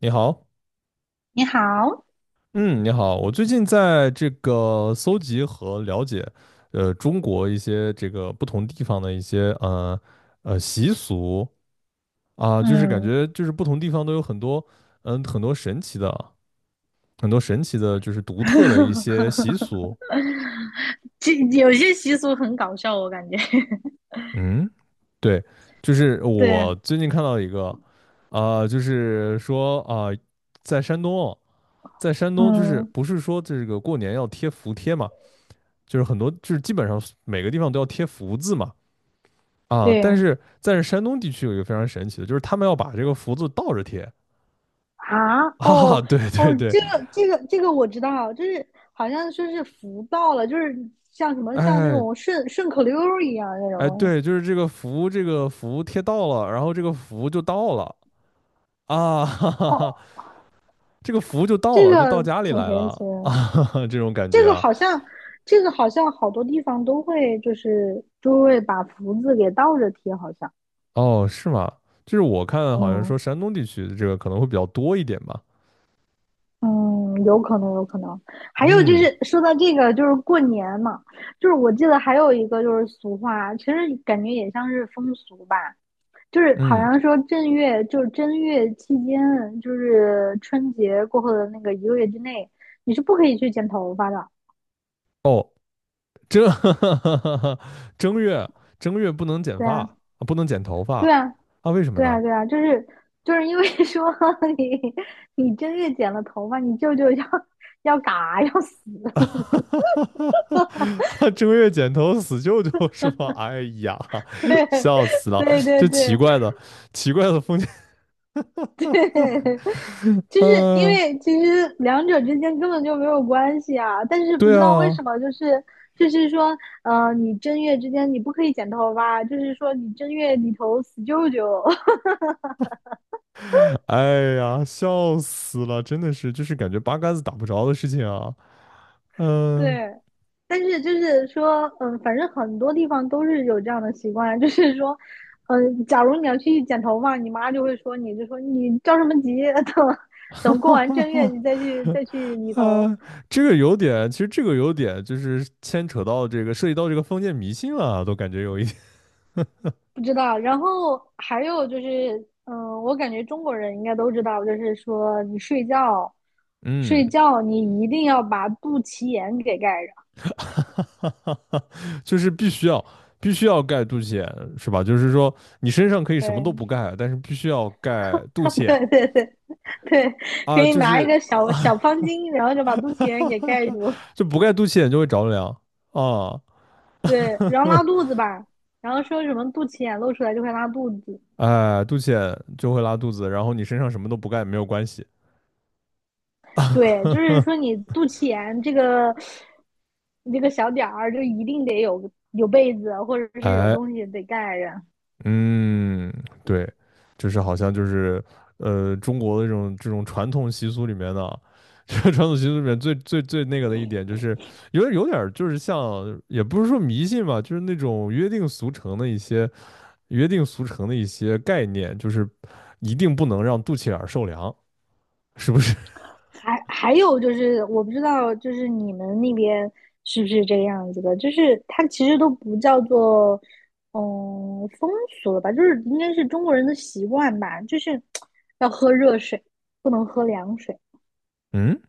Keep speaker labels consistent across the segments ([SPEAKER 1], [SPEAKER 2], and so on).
[SPEAKER 1] 你好。
[SPEAKER 2] 你好。
[SPEAKER 1] 嗯，你好，我最近在这个搜集和了解，中国一些这个不同地方的一些习俗啊，就是感
[SPEAKER 2] 嗯。
[SPEAKER 1] 觉就是不同地方都有很多很多神奇的就是独特的一些习俗。
[SPEAKER 2] 这有些习俗很搞笑，我感觉。
[SPEAKER 1] 嗯，对，就是
[SPEAKER 2] 对。
[SPEAKER 1] 我最近看到一个，啊，就是说啊，在山东哦，在山东就是
[SPEAKER 2] 嗯。
[SPEAKER 1] 不是说这个过年要贴福贴嘛？就是很多就是基本上每个地方都要贴福字嘛。啊，但
[SPEAKER 2] 对
[SPEAKER 1] 是但是山东地区有一个非常神奇的，就是他们要把这个福字倒着贴
[SPEAKER 2] 啊。哦
[SPEAKER 1] 啊 对
[SPEAKER 2] 哦，
[SPEAKER 1] 对对。
[SPEAKER 2] 这个这个这个我知道，就是好像说是福到了，就是像什么像那
[SPEAKER 1] 哎
[SPEAKER 2] 种顺口溜儿一样那种
[SPEAKER 1] 哎
[SPEAKER 2] 东西。
[SPEAKER 1] 对，就是这个福贴到了，然后这个福就到了。啊，哈哈哈，
[SPEAKER 2] 哦，
[SPEAKER 1] 这个福就到
[SPEAKER 2] 这
[SPEAKER 1] 了，就
[SPEAKER 2] 个
[SPEAKER 1] 到家里
[SPEAKER 2] 挺
[SPEAKER 1] 来
[SPEAKER 2] 神奇
[SPEAKER 1] 了
[SPEAKER 2] 的，
[SPEAKER 1] 这种感
[SPEAKER 2] 这
[SPEAKER 1] 觉
[SPEAKER 2] 个
[SPEAKER 1] 啊。
[SPEAKER 2] 好像这个好像好多地方都会就是就会把福字给倒着贴，好像。
[SPEAKER 1] 哦是吗？就是我看好像
[SPEAKER 2] 嗯。
[SPEAKER 1] 说山东地区的这个可能会比较多一点吧。
[SPEAKER 2] 嗯，有可能，有可能。还有就
[SPEAKER 1] 嗯
[SPEAKER 2] 是说到这个，就是过年嘛，就是我记得还有一个就是俗话，其实感觉也像是风俗吧，就是好
[SPEAKER 1] 嗯，
[SPEAKER 2] 像说正月，就是正月期间，就是春节过后的那个一个月之内，你是不可以去剪头发的。
[SPEAKER 1] 哦。正 正月正月不能剪
[SPEAKER 2] 对
[SPEAKER 1] 发，
[SPEAKER 2] 啊，
[SPEAKER 1] 不能剪头发。
[SPEAKER 2] 对啊，
[SPEAKER 1] 啊？为什么
[SPEAKER 2] 对啊，
[SPEAKER 1] 呢？
[SPEAKER 2] 对啊，就是因为 说你你正月剪了头发，你舅舅要嘎要死。
[SPEAKER 1] 啊，正月剪头死舅舅是吗？哎呀，
[SPEAKER 2] 对，
[SPEAKER 1] 笑死了！
[SPEAKER 2] 对对
[SPEAKER 1] 这奇
[SPEAKER 2] 对。
[SPEAKER 1] 怪的封建。嗯、
[SPEAKER 2] 就是因
[SPEAKER 1] 呃
[SPEAKER 2] 为其实两者之间根本就没有关系啊，但是不
[SPEAKER 1] 对
[SPEAKER 2] 知道为
[SPEAKER 1] 啊。
[SPEAKER 2] 什么，说，你正月之间你不可以剪头发，就是说你正月里头死舅舅。
[SPEAKER 1] 哎呀，笑死了！真的是，就是感觉八竿子打不着的事情啊。嗯、
[SPEAKER 2] 对。但是就是说，反正很多地方都是有这样的习惯，就是说，假如你要去剪头发，你妈就会说你，就说你着什么急。等
[SPEAKER 1] 哈
[SPEAKER 2] 等过
[SPEAKER 1] 哈
[SPEAKER 2] 完
[SPEAKER 1] 哈
[SPEAKER 2] 正月你
[SPEAKER 1] 哈。
[SPEAKER 2] 再去理头。
[SPEAKER 1] 呃，这个有点，其实这个有点就是牵扯到这个，涉及到这个封建迷信了啊，都感觉有一点。
[SPEAKER 2] 不知道。然后还有就是，嗯，我感觉中国人应该都知道，就是说你睡觉，
[SPEAKER 1] 嗯，
[SPEAKER 2] 睡觉你一定要把肚脐眼给盖着。
[SPEAKER 1] 就是必须要盖肚脐眼，是吧？就是说你身上可以什么都不盖，但是必须要盖肚脐眼
[SPEAKER 2] 对 对，可
[SPEAKER 1] 啊。
[SPEAKER 2] 以
[SPEAKER 1] 就
[SPEAKER 2] 拿一
[SPEAKER 1] 是
[SPEAKER 2] 个小小方巾，然后就把肚脐眼给盖住。
[SPEAKER 1] 就不盖肚脐眼就会着凉啊。
[SPEAKER 2] 对，然后
[SPEAKER 1] 哼，
[SPEAKER 2] 拉肚子吧，然后说什么肚脐眼露出来就会拉肚子。
[SPEAKER 1] 哎，肚脐眼就会拉肚子，然后你身上什么都不盖没有关系。
[SPEAKER 2] 对，就是 说你肚脐眼这个你这个小点儿，就一定得有被子或者是有
[SPEAKER 1] 哎，
[SPEAKER 2] 东西得盖着。
[SPEAKER 1] 嗯，对，就是好像就是中国的这种传统习俗里面的，这个传统习俗里面最最最那个的一点，就是有点有点儿就是像，也不是说迷信吧，就是那种约定俗成的一些概念，就是一定不能让肚脐眼儿受凉，是不是？
[SPEAKER 2] 还有就是，我不知道，就是你们那边是不是这个样子的？就是它其实都不叫做，嗯，风俗了吧？就是应该是中国人的习惯吧？就是要喝热水，不能喝凉水，
[SPEAKER 1] 嗯，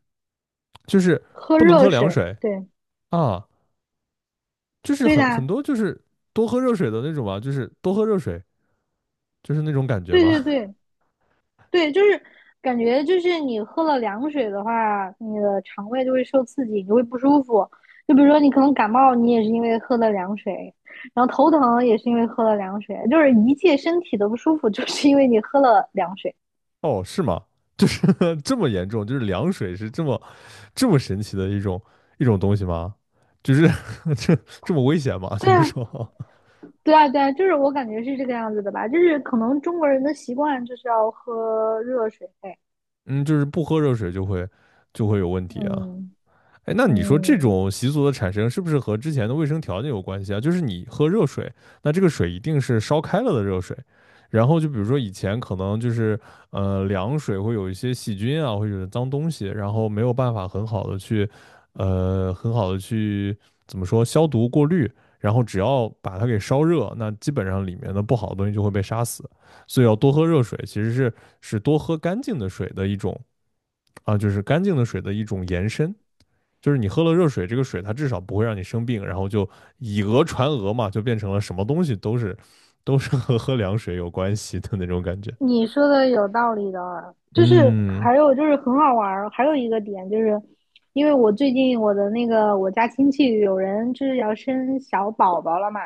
[SPEAKER 1] 就是
[SPEAKER 2] 喝
[SPEAKER 1] 不能
[SPEAKER 2] 热
[SPEAKER 1] 喝凉
[SPEAKER 2] 水。
[SPEAKER 1] 水
[SPEAKER 2] 对，
[SPEAKER 1] 啊，就是
[SPEAKER 2] 对
[SPEAKER 1] 很
[SPEAKER 2] 的
[SPEAKER 1] 很
[SPEAKER 2] 啊，
[SPEAKER 1] 多就是多喝热水的那种嘛，就是多喝热水，就是那种感觉
[SPEAKER 2] 对
[SPEAKER 1] 嘛。
[SPEAKER 2] 对对，对，就是感觉就是你喝了凉水的话，你的肠胃就会受刺激，你就会不舒服。就比如说你可能感冒，你也是因为喝了凉水，然后头疼也是因为喝了凉水，就是一切身体的不舒服，就是因为你喝了凉水。
[SPEAKER 1] 哦，是吗？就是 这么严重，就是凉水是这么神奇的一种东西吗？就是 这这么危险吗？就
[SPEAKER 2] 对
[SPEAKER 1] 是
[SPEAKER 2] 啊，
[SPEAKER 1] 说，
[SPEAKER 2] 对啊，对啊，就是我感觉是这个样子的吧，就是可能中国人的习惯就是要喝热水。
[SPEAKER 1] 嗯，就是不喝热水就会有问题啊。
[SPEAKER 2] 嗯。
[SPEAKER 1] 哎，那你说这
[SPEAKER 2] 嗯，
[SPEAKER 1] 种习俗的产生是不是和之前的卫生条件有关系啊？就是你喝热水，那这个水一定是烧开了的热水，然后就比如说以前可能就是凉水会有一些细菌啊，或者脏东西，然后没有办法很好的去很好的去怎么说消毒过滤，然后只要把它给烧热，那基本上里面的不好的东西就会被杀死，所以要多喝热水，其实是多喝干净的水的一种啊，就是干净的水的一种延伸。就是你喝了热水，这个水它至少不会让你生病，然后就以讹传讹嘛，就变成了什么东西都是和喝凉水有关系的那种感觉。
[SPEAKER 2] 你说的有道理的，就是
[SPEAKER 1] 嗯
[SPEAKER 2] 还有就是很好玩儿，还有一个点就是，因为我最近我的那个我家亲戚有人就是要生小宝宝了嘛，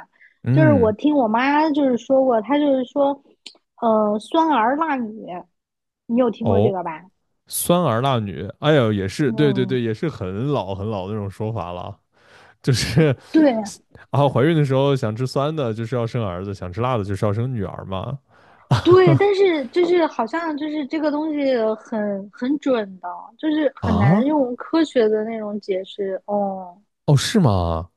[SPEAKER 2] 就是我
[SPEAKER 1] 嗯。
[SPEAKER 2] 听我妈就是说过，她就是说，嗯，酸儿辣女，你有听过这
[SPEAKER 1] 哦，
[SPEAKER 2] 个吧？
[SPEAKER 1] 酸儿辣女，哎呦，也是，对对
[SPEAKER 2] 嗯，
[SPEAKER 1] 对，也是很老很老的那种说法了。就是
[SPEAKER 2] 对
[SPEAKER 1] 啊，怀孕的时候想吃酸的，就是要生儿子；想吃辣的，就是要生女儿嘛。
[SPEAKER 2] 对，但是就是好像就是这个东西很准的，就是很难
[SPEAKER 1] 啊，
[SPEAKER 2] 用科学的那种解释。哦，
[SPEAKER 1] 哦，是吗？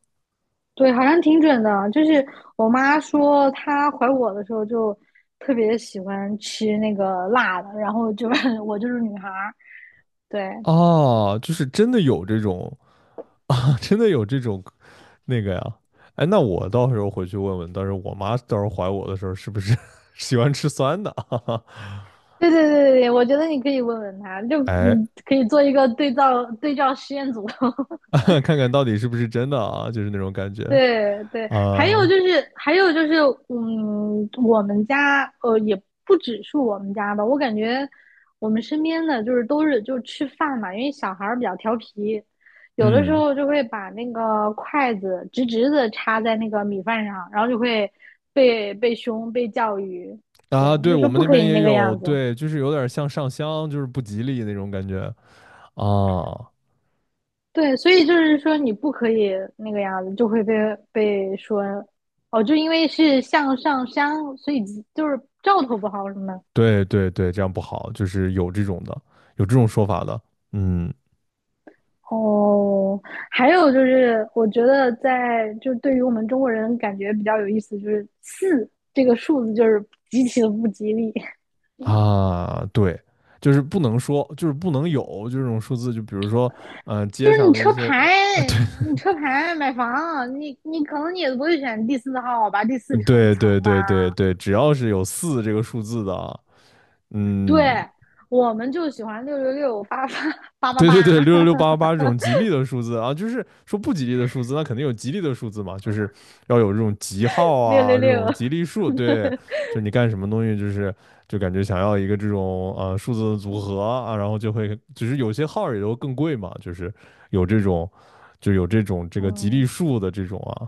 [SPEAKER 2] 对，好像挺准的。就是我妈说她怀我的时候就特别喜欢吃那个辣的，然后就 我就是女孩儿。对，
[SPEAKER 1] 哦，就是真的有这种 啊，真的有这种那个呀？哎，那我到时候回去问问，到时候我妈到时候怀我的时候是不是 喜欢吃酸的啊？
[SPEAKER 2] 对对对对，我觉得你可以问问她，就
[SPEAKER 1] 哎，
[SPEAKER 2] 嗯可以做一个对照实验组。
[SPEAKER 1] 看看到底是不是真的啊？就是那种感觉
[SPEAKER 2] 对对，还有
[SPEAKER 1] 啊。
[SPEAKER 2] 就是，还有就是，嗯，我们家呃，也不只是我们家吧，我感觉我们身边的就是都是就吃饭嘛，因为小孩儿比较调皮，有的时
[SPEAKER 1] 嗯，
[SPEAKER 2] 候就会把那个筷子直直的插在那个米饭上，然后就会被凶被教育。对，
[SPEAKER 1] 啊，对
[SPEAKER 2] 就
[SPEAKER 1] 我
[SPEAKER 2] 说
[SPEAKER 1] 们
[SPEAKER 2] 不
[SPEAKER 1] 那
[SPEAKER 2] 可
[SPEAKER 1] 边
[SPEAKER 2] 以
[SPEAKER 1] 也
[SPEAKER 2] 那个
[SPEAKER 1] 有。
[SPEAKER 2] 样子。
[SPEAKER 1] 对，就是有点像上香，就是不吉利那种感觉啊。
[SPEAKER 2] 对，所以就是说你不可以那个样子，就会被说哦，就因为是向上山，所以就是兆头不好什么的。
[SPEAKER 1] 对对对，这样不好，就是有这种的，有这种说法的。嗯。
[SPEAKER 2] 哦，还有就是，我觉得在就是对于我们中国人感觉比较有意思，就是四这个数字就是极其的不吉利，
[SPEAKER 1] 啊，对，就是不能说，就是不能有这种数字，就比如说，
[SPEAKER 2] 就
[SPEAKER 1] 街
[SPEAKER 2] 是
[SPEAKER 1] 上
[SPEAKER 2] 你
[SPEAKER 1] 的一
[SPEAKER 2] 车
[SPEAKER 1] 些，
[SPEAKER 2] 牌，你车牌买房，你可能你也不会选第四号吧，第四层
[SPEAKER 1] 对
[SPEAKER 2] 层
[SPEAKER 1] 对
[SPEAKER 2] 吧，
[SPEAKER 1] 对对对，只要是有四这个数字的啊。嗯，
[SPEAKER 2] 对。我们就喜欢六六六八八八 八
[SPEAKER 1] 对对对，
[SPEAKER 2] 八，
[SPEAKER 1] 六六六八八八这种吉利的数字啊，就是说不吉利的数字，那肯定有吉利的数字嘛，就是要有这种吉号
[SPEAKER 2] 六六
[SPEAKER 1] 啊，这
[SPEAKER 2] 六。
[SPEAKER 1] 种吉利数。对，就是你干什么东西，就是就感觉想要一个这种数字的组合啊，然后就会，就是有些号也都更贵嘛，就是有这种，这个吉利
[SPEAKER 2] 嗯，
[SPEAKER 1] 数的这种啊。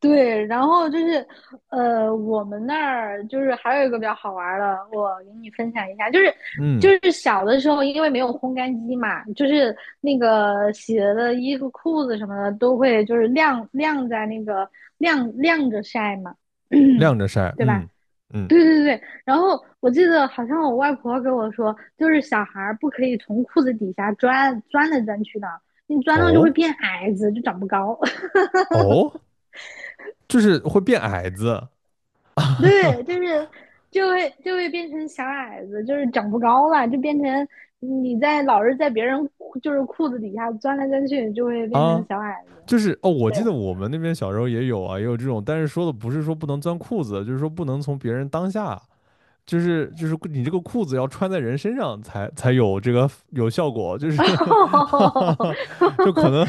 [SPEAKER 2] 对，然后就是，呃，我们那儿就是还有一个比较好玩的，我给你分享一下，就是就
[SPEAKER 1] 嗯，
[SPEAKER 2] 是小的时候，因为没有烘干机嘛，就是那个洗了的衣服、裤子什么的都会就是晾在那个晾着晒嘛，
[SPEAKER 1] 晾着晒。
[SPEAKER 2] 对
[SPEAKER 1] 嗯
[SPEAKER 2] 吧？
[SPEAKER 1] 嗯，
[SPEAKER 2] 对对对，然后我记得好像我外婆跟我说，就是小孩儿不可以从裤子底下钻来钻去的，你钻到就会
[SPEAKER 1] 哦
[SPEAKER 2] 变矮子，就长不高。
[SPEAKER 1] 哦，就是会变矮子
[SPEAKER 2] 对，就 是就会变成小矮子，就是长不高了，就变成你在老是在别人裤就是裤子底下钻来钻去，就会变成
[SPEAKER 1] 啊，
[SPEAKER 2] 小矮子。
[SPEAKER 1] 就是哦，我
[SPEAKER 2] 对，
[SPEAKER 1] 记得我们那边小时候也有啊，也有这种，但是说的不是说不能钻裤子，就是说不能从别人当下，就是你这个裤子要穿在人身上才有这个有效果，就是 就可能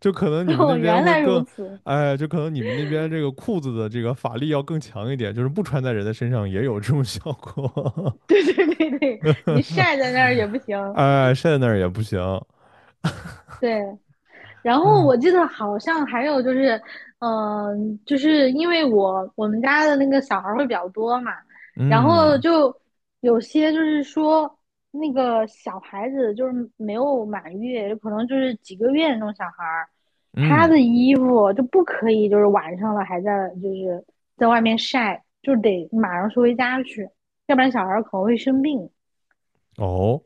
[SPEAKER 1] 你们那
[SPEAKER 2] 哦，
[SPEAKER 1] 边
[SPEAKER 2] 原
[SPEAKER 1] 会
[SPEAKER 2] 来如
[SPEAKER 1] 更，
[SPEAKER 2] 此。
[SPEAKER 1] 哎，就可能你们那边这个裤子的这个法力要更强一点，就是不穿在人的身上也有这种效果。
[SPEAKER 2] 对对对对，你 晒在那儿也不行。
[SPEAKER 1] 哎，晒在那儿也不行。
[SPEAKER 2] 对，然后
[SPEAKER 1] 哎，
[SPEAKER 2] 我记得好像还有就是，嗯，就是因为我们家的那个小孩儿会比较多嘛，然后
[SPEAKER 1] 嗯
[SPEAKER 2] 就有些就是说那个小孩子就是没有满月，有可能就是几个月那种小孩儿，他
[SPEAKER 1] 嗯。
[SPEAKER 2] 的衣服就不可以就是晚上了还在就是在外面晒，就得马上收回家去，要不然小孩儿可能会生病。
[SPEAKER 1] 哦。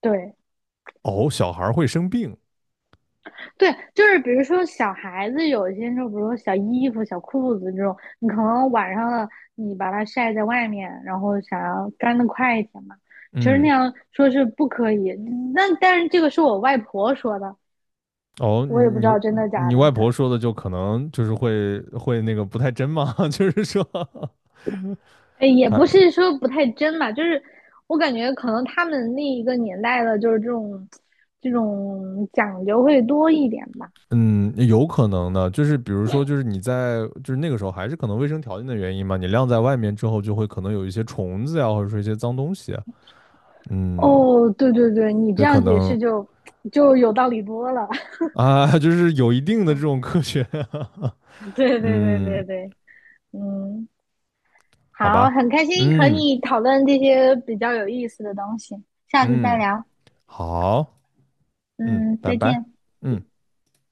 [SPEAKER 2] 对，
[SPEAKER 1] 哦，小孩会生病。
[SPEAKER 2] 对，就是比如说小孩子有些时候，比如说小衣服、小裤子这种，你可能晚上了，你把它晒在外面，然后想要干的快一点嘛，其实那
[SPEAKER 1] 嗯，
[SPEAKER 2] 样说是不可以。那但是这个是我外婆说的，
[SPEAKER 1] 哦，
[SPEAKER 2] 我也不
[SPEAKER 1] 你
[SPEAKER 2] 知
[SPEAKER 1] 你
[SPEAKER 2] 道真的假
[SPEAKER 1] 你
[SPEAKER 2] 的，
[SPEAKER 1] 外婆说的就可能就是会那个不太真嘛，就是说
[SPEAKER 2] 哎，也
[SPEAKER 1] 他，
[SPEAKER 2] 不是说不太真吧，就是我感觉可能他们那一个年代的，就是这种讲究会多一点吧。
[SPEAKER 1] 嗯有可能的，就是比如说就是你在就是那个时候还是可能卫生条件的原因嘛，你晾在外面之后就会可能有一些虫子呀，或者说一些脏东西。嗯，
[SPEAKER 2] 哦，对对对，你这
[SPEAKER 1] 这可
[SPEAKER 2] 样解
[SPEAKER 1] 能
[SPEAKER 2] 释就有道理多了。
[SPEAKER 1] 啊，就是有一定的这种科学。
[SPEAKER 2] 对对对对
[SPEAKER 1] 嗯，
[SPEAKER 2] 对，嗯，
[SPEAKER 1] 好吧，
[SPEAKER 2] 好，很开心和
[SPEAKER 1] 嗯
[SPEAKER 2] 你讨论这些比较有意思的东西，下次再
[SPEAKER 1] 嗯，
[SPEAKER 2] 聊。
[SPEAKER 1] 好，嗯，
[SPEAKER 2] 嗯，
[SPEAKER 1] 拜
[SPEAKER 2] 再
[SPEAKER 1] 拜，
[SPEAKER 2] 见。
[SPEAKER 1] 嗯。